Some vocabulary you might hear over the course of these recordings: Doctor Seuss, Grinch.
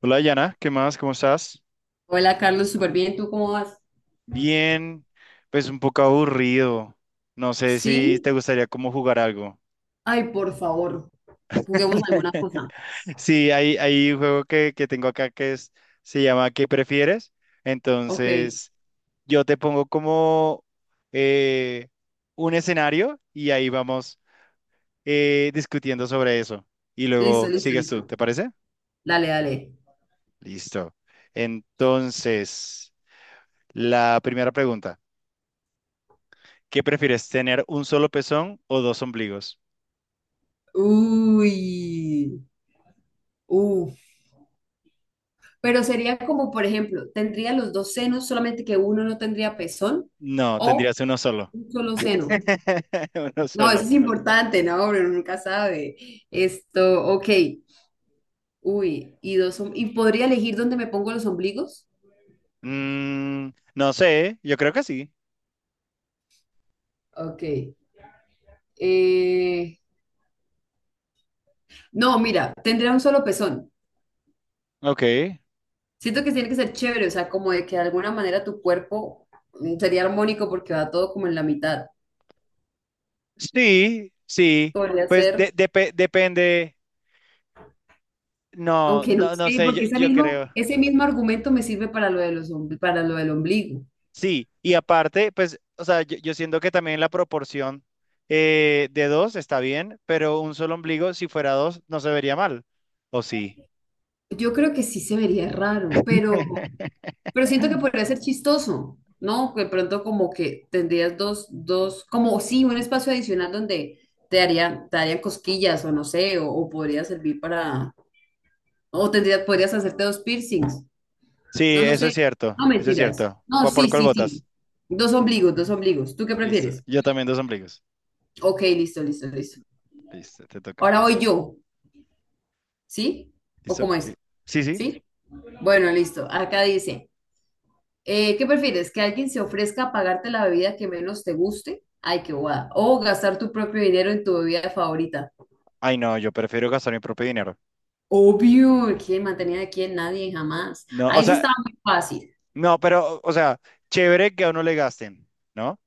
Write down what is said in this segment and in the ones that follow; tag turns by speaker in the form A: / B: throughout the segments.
A: Hola, Yana, ¿qué más? ¿Cómo estás?
B: Hola Carlos, súper bien. ¿Tú cómo vas?
A: Bien, pues un poco aburrido. No sé si
B: Sí.
A: te gustaría como jugar algo.
B: Ay, por favor, juguemos alguna cosa.
A: Sí, hay un juego que tengo acá que es, se llama ¿Qué prefieres?
B: Ok,
A: Entonces, yo te pongo como eh, un escenario y ahí vamos discutiendo sobre eso. Y
B: listo,
A: luego
B: listo,
A: sigues tú,
B: listo.
A: ¿te parece?
B: Dale, dale.
A: Listo. Entonces, la primera pregunta. ¿Qué prefieres, tener un solo pezón o dos ombligos?
B: Uy, uf. Pero sería como, por ejemplo, tendría los dos senos, solamente que uno no tendría pezón
A: No,
B: o
A: tendrías uno solo.
B: un solo seno.
A: Uno
B: No, eso
A: solo.
B: es importante, no, uno nunca sabe. Esto, ok. Uy, y dos, ¿y podría elegir dónde me pongo los ombligos?
A: Mm, no sé, yo creo que sí.
B: Ok. Eh, no, mira, tendría un solo pezón.
A: Ok.
B: Siento que tiene que ser chévere, o sea, como de que de alguna manera tu cuerpo sería armónico porque va todo como en la mitad.
A: Sí, sí.
B: Podría
A: Pues
B: ser,
A: depende. No,
B: aunque no
A: no, no
B: sé,
A: sé, yo,
B: porque ese
A: yo
B: mismo,
A: creo.
B: ese mismo argumento me sirve para lo del ombligo.
A: Sí, y aparte, pues, o sea, yo siento que también la proporción de dos está bien, pero un solo ombligo, si fuera dos, no se vería mal. ¿O sí?
B: Yo creo que sí se vería raro, pero siento que podría ser chistoso, ¿no? Que de pronto como que tendrías dos, como sí, un espacio adicional donde te harían cosquillas o no sé, o podría servir para, podrías hacerte dos piercings.
A: Sí,
B: No, no
A: eso es
B: sé.
A: cierto,
B: No,
A: eso es
B: mentiras.
A: cierto.
B: No,
A: ¿Por
B: sí,
A: cuál
B: sí, sí.
A: votas?
B: Dos ombligos, dos ombligos. ¿Tú qué
A: Listo.
B: prefieres?
A: Yo también dos ombligos.
B: Ok, listo, listo, listo.
A: Listo, te toca.
B: Ahora voy yo, ¿sí? ¿O
A: ¿Listo?
B: cómo
A: Sí.
B: es?
A: Sí, sí.
B: ¿Sí? Bueno, listo. Acá dice, ¿qué prefieres? ¿Que alguien se ofrezca a pagarte la bebida que menos te guste? Ay, qué guada. O gastar tu propio dinero en tu bebida favorita.
A: Ay, no, yo prefiero gastar mi propio dinero.
B: Obvio. ¿Quién mantenía de quién? Nadie, jamás.
A: No, o
B: Ahí se
A: sea,
B: estaba muy fácil.
A: no, pero, o sea, chévere que a uno le gasten, ¿no?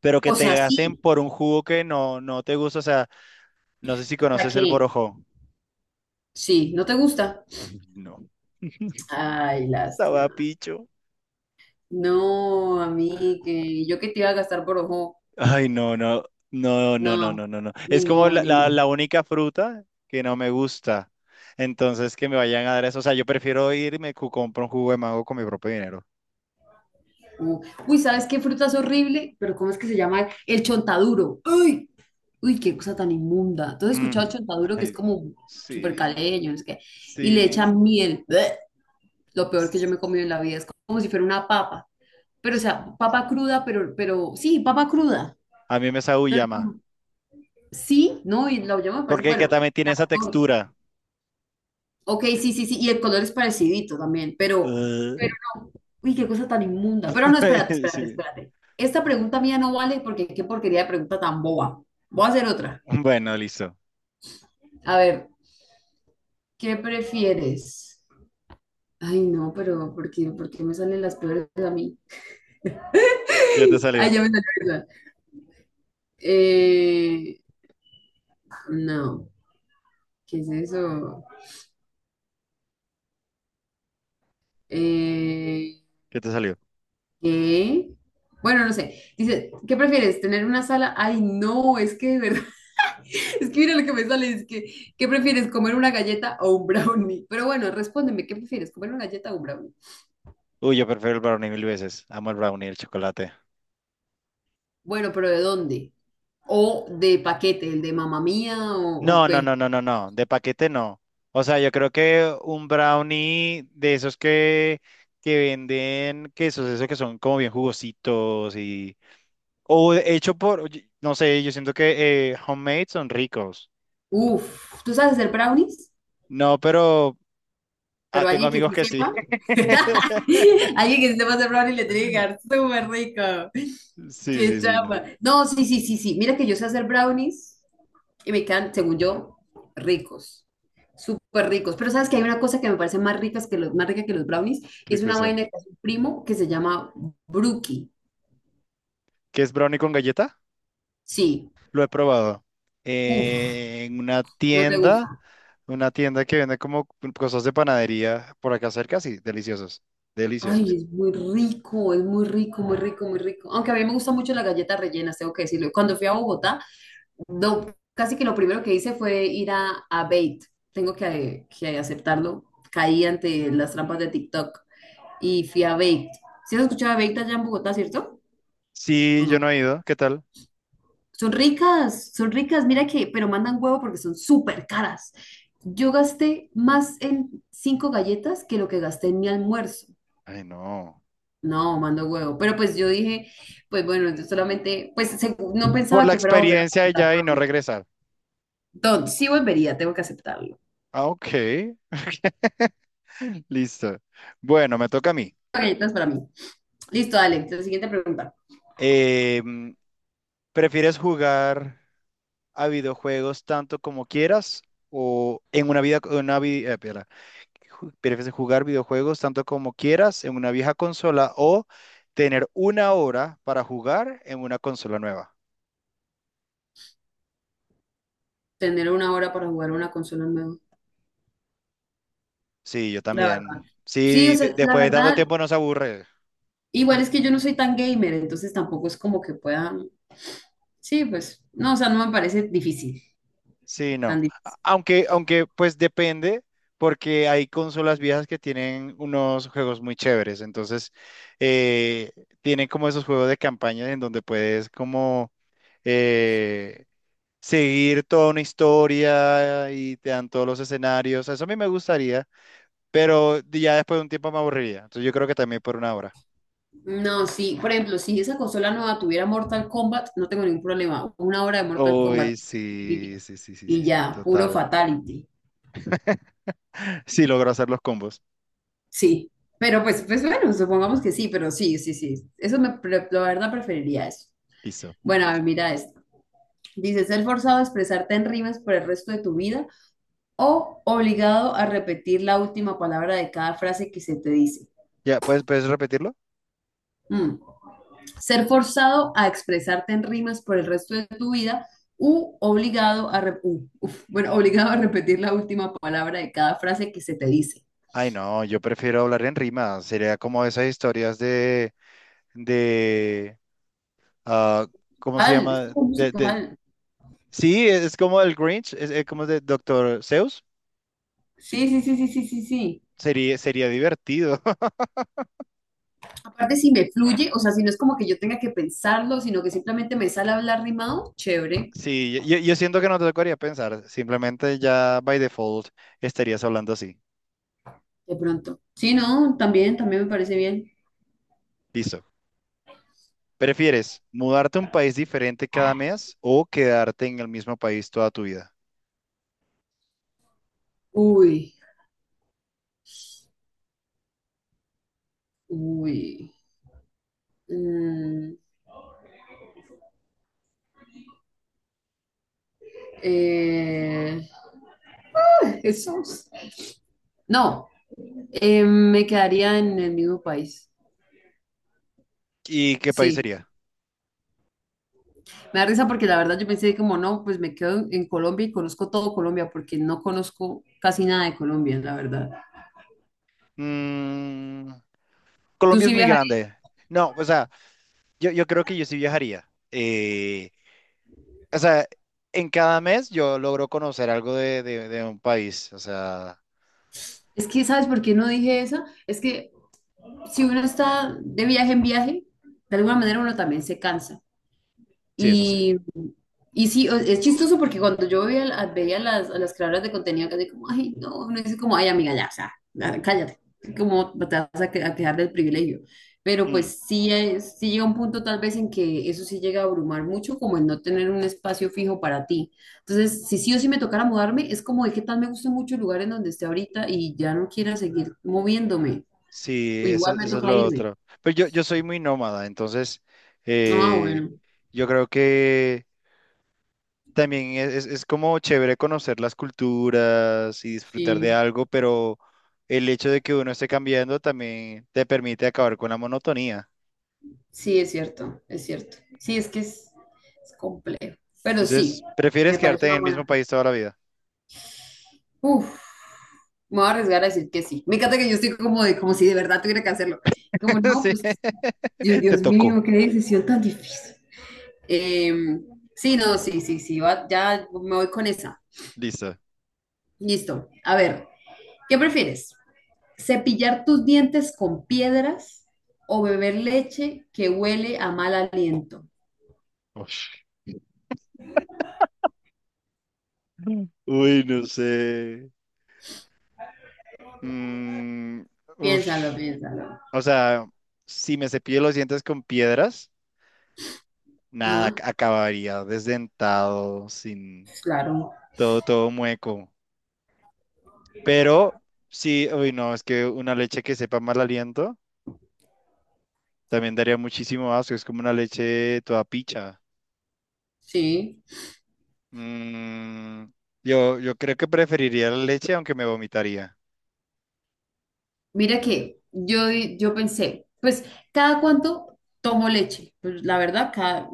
A: Pero que
B: O
A: te
B: sea,
A: gasten
B: sí.
A: por un jugo que no, no te gusta. O sea, no sé si
B: ¿Para
A: conoces el
B: qué?
A: borojó.
B: Sí, ¿no te gusta?
A: Ay, no.
B: Ay, lástima.
A: Sabapicho.
B: No, a mí que yo que te iba a gastar por ojo.
A: Ay, no, no, no, no, no,
B: No,
A: no, no, no.
B: ni
A: Es como
B: modo,
A: la,
B: ni
A: la,
B: modo.
A: la única fruta que no me gusta. Entonces, que me vayan a dar eso. O sea, yo prefiero irme y compro un jugo de mango con mi propio dinero.
B: Uh, Uy, ¿sabes qué fruta es horrible? Pero ¿cómo es que se llama? El chontaduro. Uy, uy, qué cosa tan inmunda. ¿Tú has escuchado
A: Mm,
B: chontaduro que es
A: ay,
B: como súper
A: sí,
B: caleño, no sé qué? Y le echan
A: sí.
B: miel. Bleh. Lo peor que yo
A: s-
B: me he comido en la vida es como si fuera una papa. Pero, o
A: s-
B: sea, papa cruda, pero, sí, papa cruda.
A: A mí me sabe
B: Pero
A: llama.
B: tú, sí, no, y la yo me parece,
A: Porque que
B: bueno,
A: también tiene esa textura.
B: ok, sí, sí, sí, y el color es parecidito también,
A: Ugh.
B: pero no. Uy, qué cosa tan inmunda. Pero no, espérate, espérate,
A: Sí.
B: espérate. Esta pregunta mía no vale porque qué porquería de pregunta tan boba. Voy a hacer otra.
A: Bueno, listo.
B: A ver, ¿qué prefieres? Ay, no, pero ¿por qué me salen las peores a mí?
A: ¿Qué te
B: Ay,
A: salió?
B: ya me salió esa. Eh, no, ¿qué es eso? Eh,
A: ¿Qué te salió?
B: ¿qué? Bueno, no sé. Dice, ¿qué prefieres? ¿Tener una sala? Ay, no, es que de verdad. Es que mira lo que me sale, es que, ¿qué prefieres, comer una galleta o un brownie? Pero bueno, respóndeme, ¿qué prefieres, comer una galleta o un brownie?
A: Uy, yo prefiero el brownie mil veces. Amo el brownie, y el chocolate.
B: Bueno, pero ¿de dónde? ¿O de paquete, el de mamá mía o
A: No, no,
B: qué?
A: no, no, no, no. De paquete no. O sea, yo creo que un brownie de esos que venden quesos, esos que son como bien jugositos y, o hecho por, no sé, yo siento que homemade son ricos.
B: Uf, ¿tú sabes hacer brownies?
A: No, pero ah,
B: Pero
A: tengo
B: alguien que
A: amigos
B: sí
A: que sí.
B: sepa, alguien que sí sepa hacer brownies le tiene que quedar súper rico.
A: Sí,
B: Qué
A: sí, sí, no.
B: chamba. No, sí, sí, sí, sí. Mira que yo sé hacer brownies. Y me quedan, según yo, ricos, súper ricos. Pero sabes que hay una cosa que me parece más rica que los brownies y
A: Qué
B: es una
A: cosa.
B: vaina que hace un primo que se llama brookie.
A: ¿Qué es brownie con galleta?
B: Sí,
A: Lo he probado.
B: uff,
A: En
B: no te gusta.
A: una tienda que vende como cosas de panadería por acá cerca, sí, deliciosos.
B: Ay,
A: Deliciosos.
B: es muy rico, muy rico, muy rico. Aunque a mí me gusta mucho las galletas rellenas, tengo que decirlo. Cuando fui a Bogotá, no, casi que lo primero que hice fue ir a Bait. Tengo que aceptarlo. Caí ante las trampas de TikTok y fui a Bait. ¿Sí has escuchado de Bait allá en Bogotá, cierto? ¿O
A: Sí,
B: no?
A: yo no he ido. ¿Qué tal?
B: Son ricas, mira que, pero mandan huevo porque son súper caras. Yo gasté más en cinco galletas que lo que gasté en mi almuerzo.
A: Ay, no.
B: No, mando huevo. Pero pues yo dije, pues bueno, yo solamente, pues no
A: Por
B: pensaba
A: la
B: que fuera a volver a
A: experiencia
B: aceptar.
A: ya y no regresar.
B: Entonces, sí volvería, tengo que aceptarlo.
A: Ah, ok. Listo. Bueno, me toca a mí.
B: Galletas para mí. Listo, dale. La siguiente pregunta.
A: Eh, ¿Prefieres jugar a videojuegos tanto como quieras o en una vida, una vi- espera, ¿prefieres jugar videojuegos tanto como quieras en una vieja consola o tener una hora para jugar en una consola nueva?
B: Tener una hora para jugar una consola nueva.
A: Sí, yo
B: La verdad.
A: también.
B: Sí, o
A: Sí,
B: sea, la
A: después de tanto
B: verdad,
A: tiempo nos aburre.
B: igual es que yo no soy tan gamer, entonces tampoco es como que pueda. Sí, pues, no, o sea, no me parece difícil,
A: Sí,
B: tan
A: no.
B: difícil.
A: Aunque, aunque pues depende, porque hay consolas viejas que tienen unos juegos muy chéveres. Entonces, eh, tienen como esos juegos de campaña en donde puedes como eh, seguir toda una historia y te dan todos los escenarios. Eso a mí me gustaría, pero ya después de un tiempo me aburriría. Entonces, yo creo que también por una hora.
B: No, sí, por ejemplo, si esa consola nueva tuviera Mortal Kombat, no tengo ningún problema. Una hora de Mortal Kombat
A: Uy, sí, sí, sí, sí,
B: y
A: sí, sí,
B: ya, puro
A: total.
B: fatality.
A: Sí, logro hacer los combos.
B: Sí, pero pues bueno, supongamos que sí, pero sí, sí, sí. La verdad preferiría eso.
A: Listo.
B: Bueno, a ver, mira esto. Dice, ser forzado a expresarte en rimas por el resto de tu vida o obligado a repetir la última palabra de cada frase que se te dice.
A: ¿Ya puedes, puedes repetirlo?
B: Mm. Ser forzado a expresarte en rimas por el resto de tu vida u obligado a, bueno, obligado a repetir la última palabra de cada frase que se te dice.
A: Ay, no, yo prefiero hablar en rima. Sería como esas historias de, ah, ¿cómo se
B: Musical, es
A: llama?
B: como musical.
A: Sí, es como el Grinch, es como de Doctor Seuss.
B: Sí, sí, sí, sí, sí, sí, sí.
A: Sería, sería divertido.
B: Aparte, si me fluye, o sea, si no es como que yo tenga que pensarlo, sino que simplemente me sale a hablar rimado, chévere,
A: Sí, yo siento que no te tocaría pensar. Simplemente ya by default estarías hablando así.
B: de pronto. Sí, no, también, también me parece bien.
A: Listo. ¿Prefieres mudarte a un país diferente cada mes o quedarte en el mismo país toda tu vida?
B: Uy, uy. mm, eh, Jesús. No, me quedaría en el mismo país.
A: ¿Y qué país
B: Sí,
A: sería?
B: me da risa porque la verdad yo pensé como no, pues me quedo en Colombia y conozco todo Colombia porque no conozco casi nada de Colombia, la verdad.
A: Mm,
B: Tú
A: Colombia es
B: sí
A: muy
B: viajarías.
A: grande. No, o sea. Yo creo que yo sí viajaría. O sea, en cada mes yo logro conocer algo de un país. O sea,
B: Es que, ¿sabes por qué no dije eso? Es que si uno está de viaje en viaje, de alguna manera uno también se cansa.
A: sí, eso sí.
B: Y, y sí, es chistoso porque cuando yo veía, veía a a las creadoras de contenido, casi como, ay, no, no es como, ay, amiga, ya, o sea, ya, cállate, como "No te vas a, a quejar del privilegio. Pero
A: Mm,
B: pues sí, sí llega un punto tal vez en que eso sí llega a abrumar mucho, como el no tener un espacio fijo para ti. Entonces, si sí o sí me tocara mudarme, es como de qué tal me gusta mucho el lugar en donde esté ahorita y ya no quiera seguir moviéndome, o
A: sí, eso,
B: igual me
A: eso es
B: toca
A: lo
B: irme.
A: otro. Pero yo soy muy nómada, entonces
B: Ah,
A: eh,
B: bueno,
A: yo creo que también es como chévere conocer las culturas y disfrutar de
B: sí.
A: algo, pero el hecho de que uno esté cambiando también te permite acabar con la monotonía.
B: Sí, es cierto, es cierto. Sí, es que es complejo. Pero sí,
A: Entonces, ¿prefieres
B: me parece
A: quedarte en
B: una
A: el mismo
B: buena.
A: país toda la vida?
B: Uf, me voy a arriesgar a decir que sí. Me encanta que yo estoy como de, como si de verdad tuviera que hacerlo. Como no,
A: Sí,
B: pues, Dios,
A: te
B: Dios
A: tocó.
B: mío, qué decisión tan difícil. Em, sí, no, sí, sí, sí, ya me voy con esa.
A: Lisa.
B: Listo. A ver, ¿qué prefieres? ¿Cepillar tus dientes con piedras o beber leche que huele a mal aliento?
A: Ush. Uy, no sé. Mm,
B: Piénsalo,
A: ush.
B: piénsalo.
A: O sea, si me cepillo los dientes con piedras, nada,
B: Ajá.
A: acabaría desdentado, sin
B: Claro,
A: todo, todo mueco. Pero sí, uy, no, es que una leche que sepa mal aliento también daría muchísimo asco. Es como una leche toda picha.
B: sí.
A: Mm, yo creo que preferiría la leche, aunque me vomitaría.
B: Mira que yo pensé, pues, ¿cada cuánto tomo leche? Pues la verdad,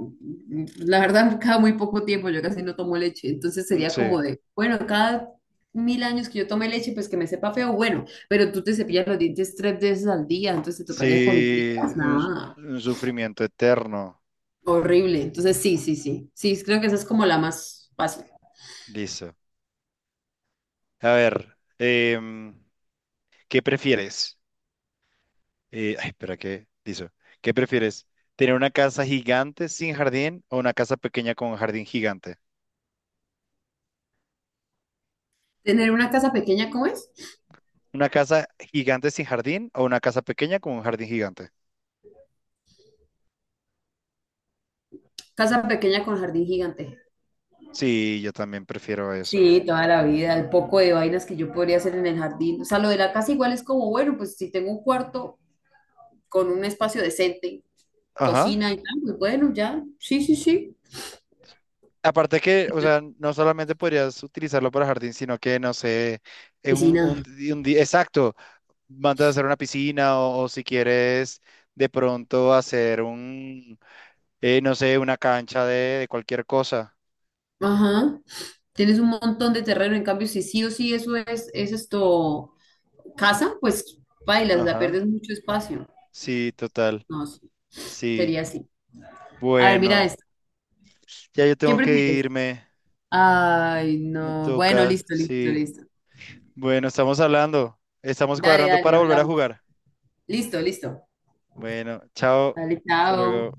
B: la verdad, cada muy poco tiempo yo casi no tomo leche. Entonces
A: Mm,
B: sería
A: sí.
B: como de, bueno, cada mil años que yo tome leche, pues que me sepa feo, bueno, pero tú te cepillas los dientes tres veces al día, entonces te tocaría con
A: Sí,
B: piedras, nada,
A: un sufrimiento eterno.
B: horrible. Entonces sí, sí, sí, sí, creo que esa es como la más fácil.
A: Listo. A ver, ¿qué prefieres? Ay, espera, ¿qué? Listo. ¿Qué prefieres? ¿Tener una casa gigante sin jardín o una casa pequeña con un jardín gigante?
B: Tener una casa pequeña, ¿cómo es?
A: ¿Una casa gigante sin jardín o una casa pequeña con un jardín gigante?
B: Casa pequeña con jardín gigante.
A: Sí, yo también prefiero eso.
B: Sí, toda la vida, el poco de vainas que yo podría hacer en el jardín. O sea, lo de la casa igual es como, bueno, pues si tengo un cuarto con un espacio decente,
A: Ajá.
B: cocina y tal, pues bueno, ya, sí, sí, sí.
A: Aparte que, o
B: Y
A: sea, no solamente podrías utilizarlo para jardín, sino que, no sé, en
B: piscina.
A: un día, exacto. Mandas a hacer una piscina o si quieres de pronto hacer un, no sé, una cancha de cualquier cosa.
B: Ajá. Tienes un montón de terreno, en cambio, si sí o sí eso es esto, casa, pues bailas, la
A: Ajá,
B: pierdes mucho espacio.
A: sí, total,
B: No, sí, sería
A: sí.
B: así. A ver, mira
A: Bueno,
B: esto.
A: ya yo
B: ¿Qué
A: tengo que
B: prefieres?
A: irme,
B: Ay,
A: me
B: no. Bueno,
A: toca,
B: listo, listo,
A: sí.
B: listo.
A: Bueno, estamos hablando, estamos
B: Dale,
A: cuadrando
B: dale,
A: para volver a
B: hablamos.
A: jugar.
B: Listo, listo.
A: Bueno, chao,
B: Dale,
A: hasta
B: chao.
A: luego.